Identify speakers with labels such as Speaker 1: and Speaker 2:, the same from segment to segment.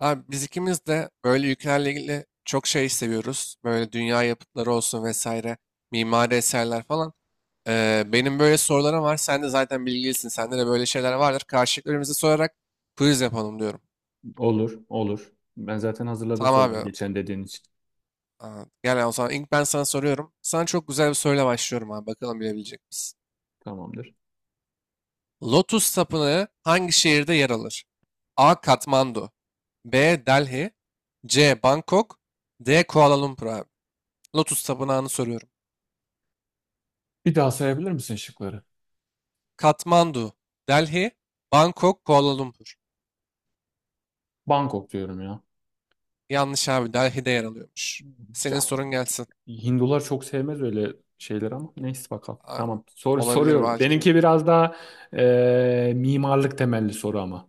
Speaker 1: Abi biz ikimiz de böyle ülkelerle ilgili çok şey seviyoruz. Böyle dünya yapıtları olsun vesaire, mimari eserler falan. Benim böyle sorularım var. Sen de zaten bilgilisin. Sende de böyle şeyler vardır. Karşılıklarımızı sorarak quiz yapalım diyorum.
Speaker 2: Olur, olur. Ben zaten hazırladım
Speaker 1: Tamam
Speaker 2: soruları
Speaker 1: abi.
Speaker 2: geçen dediğin için.
Speaker 1: Aa, gel o zaman ilk ben sana soruyorum. Sana çok güzel bir soruyla başlıyorum abi. Bakalım bilebilecek misin?
Speaker 2: Tamamdır.
Speaker 1: Lotus Tapınağı hangi şehirde yer alır? A. Katmandu, B. Delhi, C. Bangkok, D. Kuala Lumpur abi. Lotus Tapınağı'nı soruyorum.
Speaker 2: Bir daha sayabilir misin şıkları?
Speaker 1: Katmandu, Delhi, Bangkok, Kuala Lumpur.
Speaker 2: Bangkok diyorum ya.
Speaker 1: Yanlış abi. Delhi'de yer alıyormuş. Senin
Speaker 2: Ya,
Speaker 1: sorun gelsin.
Speaker 2: Hindular çok sevmez öyle şeyler ama neyse bakalım.
Speaker 1: Am,
Speaker 2: Tamam sor,
Speaker 1: Olabilir
Speaker 2: soruyorum.
Speaker 1: belki.
Speaker 2: Benimki biraz daha mimarlık temelli soru ama.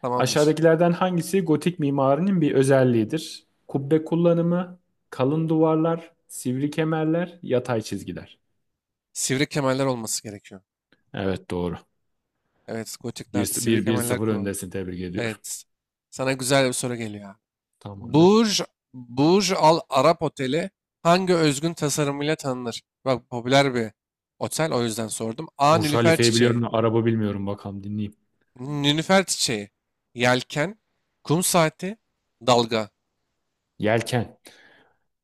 Speaker 1: Tamamdır.
Speaker 2: Aşağıdakilerden hangisi gotik mimarinin bir özelliğidir? Kubbe kullanımı, kalın duvarlar, sivri kemerler, yatay çizgiler.
Speaker 1: Sivri kemerler olması gerekiyor.
Speaker 2: Evet, doğru.
Speaker 1: Evet,
Speaker 2: Bir
Speaker 1: gotiklerde sivri
Speaker 2: bir 1
Speaker 1: kemerler
Speaker 2: 0
Speaker 1: kullanılıyor.
Speaker 2: öndesin, tebrik ediyorum.
Speaker 1: Evet. Sana güzel bir soru geliyor abi.
Speaker 2: Tamamdır.
Speaker 1: Burj, Burj Al Arab Oteli hangi özgün tasarımıyla tanınır? Bak popüler bir otel, o yüzden sordum. A.
Speaker 2: Bursa
Speaker 1: Nilüfer
Speaker 2: Halife'yi biliyorum
Speaker 1: çiçeği.
Speaker 2: da araba bilmiyorum, bakalım dinleyeyim.
Speaker 1: Nilüfer çiçeği. Yelken. Kum saati. Dalga.
Speaker 2: Yelken.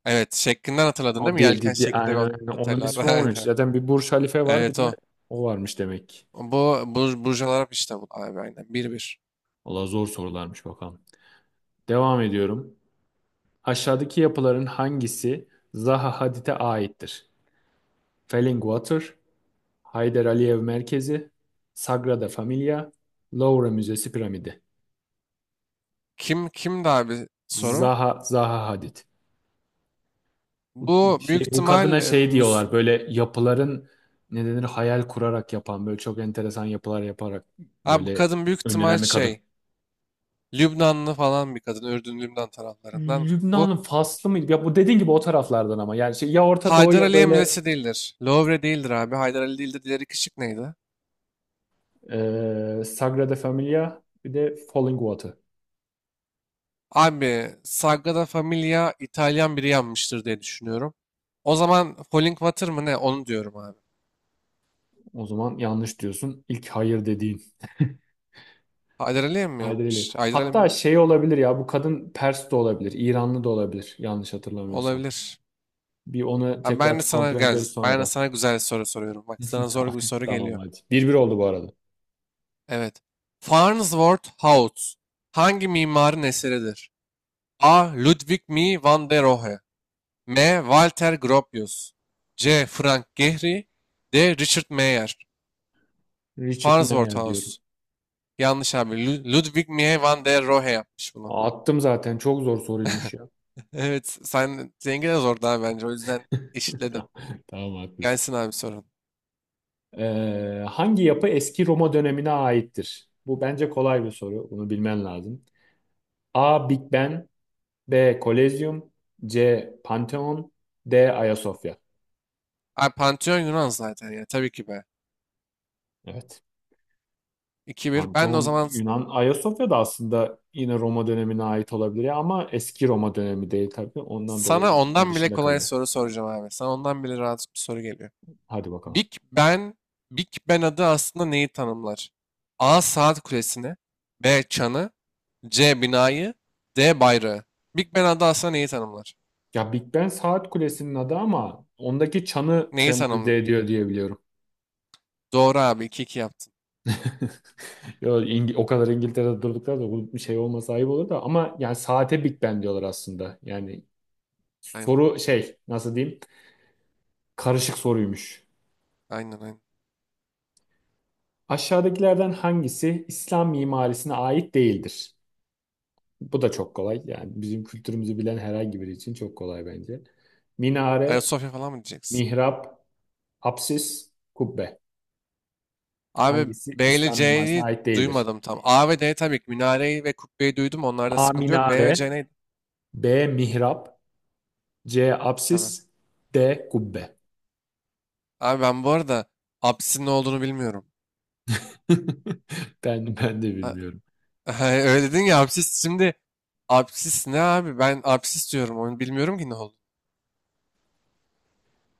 Speaker 1: Evet, şeklinden hatırladın değil
Speaker 2: O
Speaker 1: mi? Yelken şeklinde
Speaker 2: aynen
Speaker 1: bir
Speaker 2: öyle. Onun
Speaker 1: oteller.
Speaker 2: ismi olmuş.
Speaker 1: Aynen.
Speaker 2: Zaten bir Bursa Halife var, bir
Speaker 1: Evet
Speaker 2: de
Speaker 1: o.
Speaker 2: o varmış demek ki.
Speaker 1: Bu Burj Al Arab işte bu abi, aynen. 1-1.
Speaker 2: Valla zor sorularmış bakalım. Devam ediyorum. Aşağıdaki yapıların hangisi Zaha Hadid'e aittir? Fallingwater, Haydar Aliyev Merkezi, Sagrada Familia, Louvre Müzesi Piramidi.
Speaker 1: Kim kimdi abi soru?
Speaker 2: Zaha Hadid. Bu,
Speaker 1: Bu büyük
Speaker 2: bu
Speaker 1: ihtimal
Speaker 2: kadına şey
Speaker 1: Müs
Speaker 2: diyorlar, böyle yapıların ne denir, hayal kurarak yapan, böyle çok enteresan yapılar yaparak
Speaker 1: abi, bu
Speaker 2: böyle
Speaker 1: kadın büyük ihtimal
Speaker 2: önlenen bir kadın.
Speaker 1: şey, Lübnanlı falan bir kadın. Ürdün Lübnan taraflarından. Bu
Speaker 2: Lübnan'ın Faslı mıydı? Ya, bu dediğin gibi o taraflardan ama yani şey, ya Orta Doğu
Speaker 1: Haydar
Speaker 2: ya
Speaker 1: Aliye
Speaker 2: böyle.
Speaker 1: Müzesi değildir. Louvre değildir abi. Haydar Ali değildir. Diğeri kışık neydi?
Speaker 2: Sagrada Familia bir de Falling Water.
Speaker 1: Abi Sagrada Familia İtalyan biri yanmıştır diye düşünüyorum. O zaman Falling Water mı ne? Onu diyorum abi.
Speaker 2: O zaman yanlış diyorsun. İlk hayır dediğin.
Speaker 1: Haydar Ali'ye mi
Speaker 2: Haydi edelim.
Speaker 1: yapmış? Haydar Ali
Speaker 2: Hatta
Speaker 1: mi?
Speaker 2: şey olabilir ya, bu kadın Pers de olabilir, İranlı da olabilir yanlış hatırlamıyorsam.
Speaker 1: Olabilir.
Speaker 2: Bir onu
Speaker 1: Ha,
Speaker 2: tekrar
Speaker 1: ben de sana
Speaker 2: kontrol
Speaker 1: gel,
Speaker 2: ederiz sonra
Speaker 1: ben de
Speaker 2: da.
Speaker 1: sana güzel soru soruyorum. Bak sana
Speaker 2: Tamam,
Speaker 1: zor bir soru
Speaker 2: tamam,
Speaker 1: geliyor.
Speaker 2: hadi. Bir bir oldu bu arada.
Speaker 1: Evet. Farnsworth House hangi mimarın eseridir? A. Ludwig Mies van der Rohe, M. Walter Gropius, C. Frank Gehry, D. Richard Mayer.
Speaker 2: Richard
Speaker 1: Farnsworth
Speaker 2: Mayer diyorum.
Speaker 1: House. Yanlış abi. Ludwig Mies van der Rohe yapmış bunu.
Speaker 2: Attım zaten. Çok zor soruymuş ya.
Speaker 1: Evet. Sen zengin de zordu abi bence. O yüzden eşitledim.
Speaker 2: Tamam, tamam, haklısın.
Speaker 1: Gelsin abi sorun.
Speaker 2: Hangi yapı eski Roma dönemine aittir? Bu bence kolay bir soru. Bunu bilmen lazım. A. Big Ben. B. Kolezyum. C. Pantheon. D. Ayasofya.
Speaker 1: Ay Pantheon Yunan zaten ya, tabii ki be.
Speaker 2: Evet.
Speaker 1: 2-1. Ben de o
Speaker 2: Pantheon
Speaker 1: zaman
Speaker 2: Yunan. Ayasofya da aslında yine Roma dönemine ait olabilir ya ama eski Roma dönemi değil tabii. Ondan dolayı
Speaker 1: sana
Speaker 2: büyük ihtimal
Speaker 1: ondan bile
Speaker 2: dışında
Speaker 1: kolay
Speaker 2: kalıyor.
Speaker 1: soru soracağım abi. Sana ondan bile rahat bir soru geliyor.
Speaker 2: Hadi bakalım.
Speaker 1: Big Ben, Big Ben adı aslında neyi tanımlar? A. Saat kulesini, B. Çanı, C. Binayı, D. Bayrağı. Big Ben adı aslında neyi tanımlar?
Speaker 2: Ya, Big Ben saat kulesinin adı ama ondaki çanı
Speaker 1: Neyi tanımlar?
Speaker 2: sembolize ediyor diye biliyorum.
Speaker 1: Doğru abi, 2-2 yaptın.
Speaker 2: Yo, o kadar İngiltere'de durduklar da bu bir şey olmasa ayıp olur da, ama yani saate Big Ben diyorlar aslında. Yani
Speaker 1: Aynen,
Speaker 2: soru şey, nasıl diyeyim, karışık soruymuş.
Speaker 1: aynen, aynen.
Speaker 2: Aşağıdakilerden hangisi İslam mimarisine ait değildir? Bu da çok kolay. Yani bizim kültürümüzü bilen herhangi biri için çok kolay bence. Minare,
Speaker 1: Ayasofya falan mı diyeceksin?
Speaker 2: mihrap, apsis, kubbe.
Speaker 1: Abi
Speaker 2: Hangisi
Speaker 1: B ile
Speaker 2: İslam mimarisine
Speaker 1: C'yi
Speaker 2: ait değildir?
Speaker 1: duymadım tam. A ve D tabii ki, minareyi ve kubbeyi duydum, onlarda
Speaker 2: A
Speaker 1: sıkıntı yok. B
Speaker 2: minare,
Speaker 1: ve C neydi?
Speaker 2: B mihrap, C
Speaker 1: Tabii.
Speaker 2: apsis, D kubbe.
Speaker 1: Abi ben bu arada apsisin ne olduğunu bilmiyorum.
Speaker 2: Ben de
Speaker 1: A-
Speaker 2: bilmiyorum.
Speaker 1: Öyle dedin ya apsis, şimdi apsis ne abi? Ben apsis diyorum, onu bilmiyorum ki ne oldu.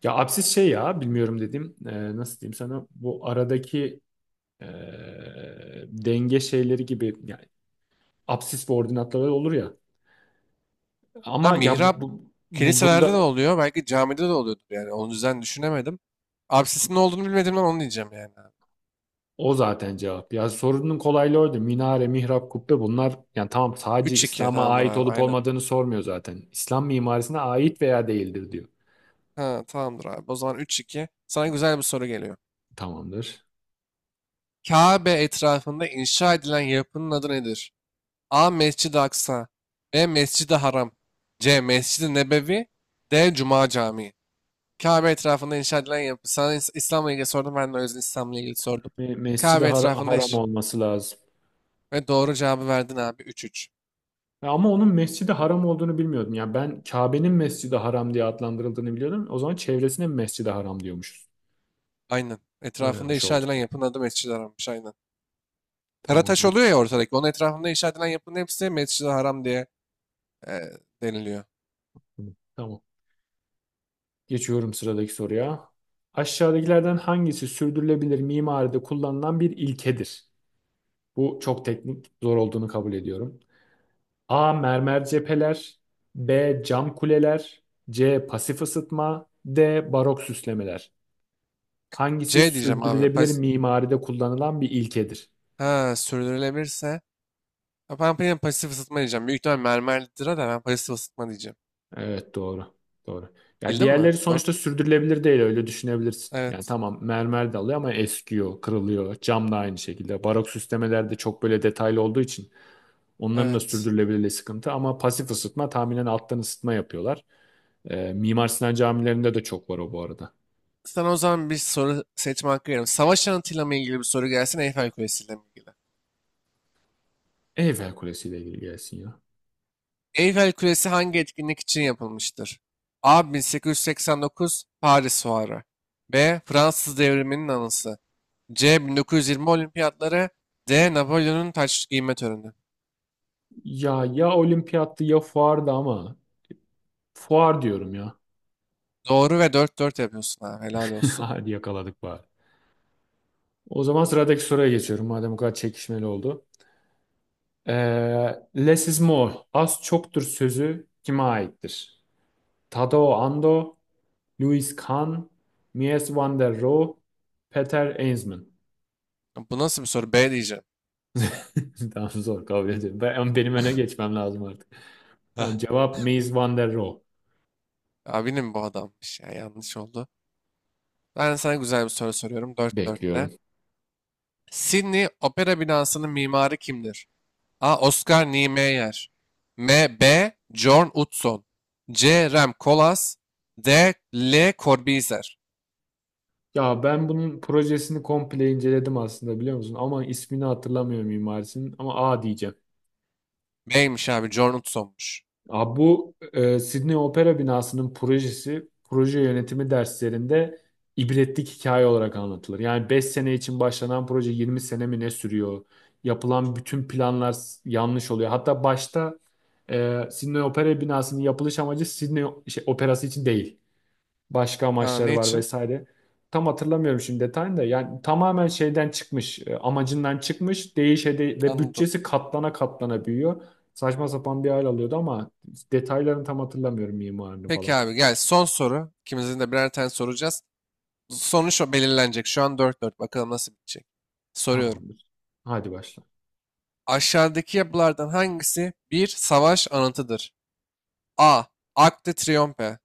Speaker 2: Ya apsis şey, ya bilmiyorum dedim. Nasıl diyeyim sana? Bu aradaki e, denge şeyleri gibi yani, apsis ve ordinatları olur ya.
Speaker 1: Ha,
Speaker 2: Ama ya
Speaker 1: mihrap kiliselerde ne
Speaker 2: bunda
Speaker 1: oluyor? Belki camide de oluyordur yani. Onun yüzden düşünemedim. Apsisin ne olduğunu bilmediğimden onu diyeceğim yani abi.
Speaker 2: o zaten cevap. Ya, sorunun kolaylığı orada. Minare, mihrap, kubbe, bunlar yani tamam, sadece
Speaker 1: 3-2,
Speaker 2: İslam'a
Speaker 1: tamamdır
Speaker 2: ait
Speaker 1: abi,
Speaker 2: olup
Speaker 1: aynen.
Speaker 2: olmadığını sormuyor zaten. İslam mimarisine ait veya değildir diyor.
Speaker 1: Ha, tamamdır abi. O zaman 3-2. Sana güzel bir soru geliyor.
Speaker 2: Tamamdır.
Speaker 1: Kabe etrafında inşa edilen yapının adı nedir? A. Mescid-i Aksa, B. Mescid-i Haram, C. Mescid-i Nebevi, D. Cuma Camii. Kabe etrafında inşa edilen yapı. Sana İslam'la ilgili sordum. Ben de o yüzden İslam'la ilgili sordum.
Speaker 2: Mescid-i
Speaker 1: Kabe etrafında
Speaker 2: Haram
Speaker 1: iş.
Speaker 2: olması lazım.
Speaker 1: Ve doğru cevabı verdin abi. 3-3.
Speaker 2: Ya, ama onun Mescid-i Haram olduğunu bilmiyordum. Yani ben Kabe'nin Mescid-i Haram diye adlandırıldığını biliyordum. O zaman çevresine mi Mescid-i Haram diyormuşuz.
Speaker 1: Aynen. Etrafında
Speaker 2: Öğrenmiş
Speaker 1: inşa
Speaker 2: oldum.
Speaker 1: edilen yapının adı Mescid-i Haram'mış. Aynen. Karataş
Speaker 2: Tamamdır.
Speaker 1: oluyor ya ortadaki. Onun etrafında inşa edilen yapının hepsi Mescid-i Haram diye e, deniliyor.
Speaker 2: Tamam. Geçiyorum sıradaki soruya. Aşağıdakilerden hangisi sürdürülebilir mimaride kullanılan bir ilkedir? Bu çok teknik, zor olduğunu kabul ediyorum. A. Mermer cepheler. B. Cam kuleler. C. Pasif ısıtma. D. Barok süslemeler. Hangisi
Speaker 1: C diyeceğim abi.
Speaker 2: sürdürülebilir mimaride kullanılan bir ilkedir?
Speaker 1: Ha, sürdürülebilirse. Ya ben, benim pasif ısıtma diyeceğim. Büyük ihtimal mermerlidir da ben pasif ısıtma diyeceğim.
Speaker 2: Evet, doğru. Doğru. Ya,
Speaker 1: Bildin
Speaker 2: diğerleri
Speaker 1: mi? 4.
Speaker 2: sonuçta sürdürülebilir değil, öyle düşünebilirsin. Yani
Speaker 1: Evet.
Speaker 2: tamam, mermer de alıyor ama eskiyor, kırılıyor. Cam da aynı şekilde. Barok süslemeler çok böyle detaylı olduğu için onların da
Speaker 1: Evet.
Speaker 2: sürdürülebilirliği sıkıntı, ama pasif ısıtma tahminen alttan ısıtma yapıyorlar. Mimar Sinan camilerinde de çok var o bu arada.
Speaker 1: Sana o zaman bir soru seçme hakkı veriyorum. Savaş anıtıyla mı ilgili bir soru gelsin, Eyfel Kulesi ile mi ilgili?
Speaker 2: Eyfel Kulesi ile ilgili gelsin ya.
Speaker 1: Eyfel Kulesi hangi etkinlik için yapılmıştır? A. 1889 Paris Fuarı. B. Fransız Devrimi'nin anısı. C. 1920 Olimpiyatları. D. Napolyon'un taç giyme töreni.
Speaker 2: Ya, ya olimpiyattı ya fuardı ama fuar diyorum ya.
Speaker 1: Doğru, ve 4-4 yapıyorsun ha. Helal olsun.
Speaker 2: Hadi yakaladık bari. O zaman sıradaki soruya geçiyorum. Madem bu kadar çekişmeli oldu. Ee, Less is more. Az çoktur sözü kime aittir? Tadao Ando, Louis Kahn, Mies van der Rohe, Peter Eensman.
Speaker 1: Bu nasıl bir soru? B diyeceğim.
Speaker 2: Tamam, zor kabul ediyorum. Benim öne geçmem lazım artık. Tamam,
Speaker 1: Hah.
Speaker 2: cevap Mies van der Rohe.
Speaker 1: Abinin bu adammış ya. Yanlış oldu. Ben sana güzel bir soru soruyorum. 4'te
Speaker 2: Bekliyorum.
Speaker 1: Sydney Opera binasının mimarı kimdir? A. Oscar Niemeyer, M. B. John Utzon, C. Rem Koolhaas, D. L. Corbusier.
Speaker 2: Ya ben bunun projesini komple inceledim aslında, biliyor musun? Ama ismini hatırlamıyorum mimarisinin. Ama A diyeceğim.
Speaker 1: B'ymiş abi, John Utzon'muş.
Speaker 2: Abi bu Sydney Opera binasının projesi proje yönetimi derslerinde ibretlik hikaye olarak anlatılır. Yani 5 sene için başlanan proje 20 sene mi ne sürüyor? Yapılan bütün planlar yanlış oluyor. Hatta başta Sydney Opera binasının yapılış amacı Sydney operası için değil, başka
Speaker 1: Ha,
Speaker 2: amaçları
Speaker 1: ne
Speaker 2: var
Speaker 1: için?
Speaker 2: vesaire. Tam hatırlamıyorum şimdi detayını da. Yani tamamen şeyden çıkmış, amacından çıkmış, ve
Speaker 1: Anladım.
Speaker 2: bütçesi katlana katlana büyüyor. Saçma sapan bir hal alıyordu ama detaylarını tam hatırlamıyorum, mimarını
Speaker 1: Peki
Speaker 2: falan.
Speaker 1: abi, gel son soru. İkimizin de birer tane soracağız. Sonuç o belirlenecek. Şu an 4-4. Bakalım nasıl bitecek. Soruyorum.
Speaker 2: Tamamdır. Hadi başla.
Speaker 1: Aşağıdaki yapılardan hangisi bir savaş anıtıdır? A. Arc de Triomphe,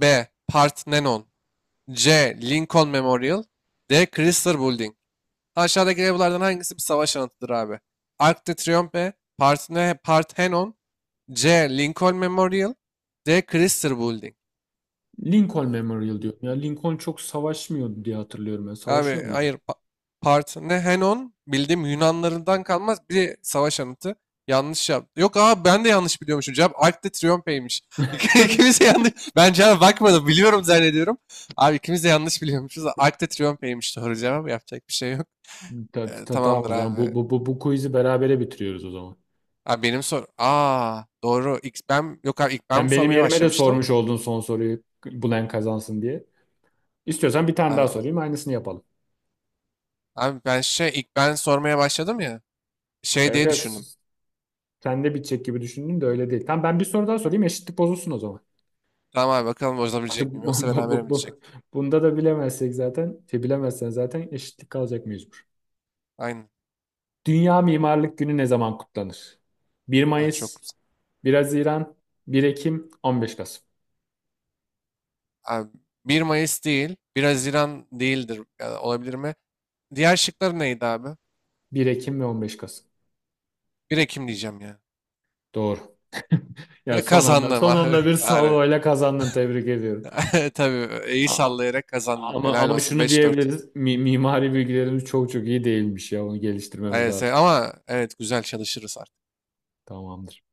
Speaker 1: B. Parthenon, C. Lincoln Memorial, D. Chrysler Building. Aşağıdaki evlerden hangisi bir savaş anıtıdır abi? Arc de Triomphe, Parthenon, C. Lincoln Memorial, D. Chrysler Building.
Speaker 2: Lincoln Memorial diyorum. Ya, Lincoln çok savaşmıyordu diye hatırlıyorum ben. Savaşıyor
Speaker 1: Abi
Speaker 2: muydu?
Speaker 1: hayır, Parthenon bildiğim Yunanlarından kalmaz bir savaş anıtı. Yanlış yaptı. Yok abi, ben de yanlış biliyormuşum. Cevap Arc de Triomphe'ymiş. İkimiz de yanlış. Ben cevaba bakmadım. Biliyorum zannediyorum. Abi ikimiz de yanlış biliyormuşuz. Arc de Triomphe'ymiş doğru cevap. Yapacak bir şey yok.
Speaker 2: Tamam, o
Speaker 1: Tamamdır
Speaker 2: zaman
Speaker 1: abi.
Speaker 2: bu quiz'i berabere bitiriyoruz o zaman.
Speaker 1: Abi benim sor. Aa, doğru. İlk ben, yok abi, ilk ben
Speaker 2: Sen benim
Speaker 1: sormaya
Speaker 2: yerime de
Speaker 1: başlamıştım.
Speaker 2: sormuş oldun son soruyu. Bulan kazansın diye. İstiyorsan bir tane
Speaker 1: Abi,
Speaker 2: daha sorayım, aynısını yapalım.
Speaker 1: abi, ben şey ilk ben sormaya başladım ya. Şey
Speaker 2: Evet,
Speaker 1: diye
Speaker 2: evet.
Speaker 1: düşündüm.
Speaker 2: Sen de bitecek gibi düşündün de öyle değil. Tamam, ben bir soru daha sorayım. Eşitlik bozulsun o zaman.
Speaker 1: Tamam abi, bakalım
Speaker 2: Artık
Speaker 1: bozabilecek miyim yoksa beraber mi bitecek?
Speaker 2: bunda da bilemezsek zaten, şey, bilemezsen zaten eşitlik kalacak mecbur.
Speaker 1: Aynen.
Speaker 2: Dünya Mimarlık Günü ne zaman kutlanır? 1
Speaker 1: Ah, çok
Speaker 2: Mayıs,
Speaker 1: güzel.
Speaker 2: 1 Haziran, 1 Ekim, 15 Kasım.
Speaker 1: Abi 1 Mayıs değil. 1 Haziran değildir. Ya, olabilir mi? Diğer şıkları neydi abi?
Speaker 2: 1 Ekim ve 15 Kasım.
Speaker 1: 1 Ekim diyeceğim ya.
Speaker 2: Doğru. Ya,
Speaker 1: Ve
Speaker 2: son anda
Speaker 1: kazandım
Speaker 2: son
Speaker 1: abi.
Speaker 2: anda bir
Speaker 1: Bari.
Speaker 2: salvoyla kazandın. Tebrik ediyorum.
Speaker 1: Tabii iyi
Speaker 2: A- a-
Speaker 1: sallayarak kazandım.
Speaker 2: Ama
Speaker 1: Helal
Speaker 2: ama
Speaker 1: olsun,
Speaker 2: şunu
Speaker 1: 5-4.
Speaker 2: diyebiliriz. Mimari bilgilerimiz çok çok iyi değilmiş ya. Onu geliştirmemiz
Speaker 1: Evet,
Speaker 2: lazım.
Speaker 1: ama evet güzel çalışırız.
Speaker 2: Tamamdır.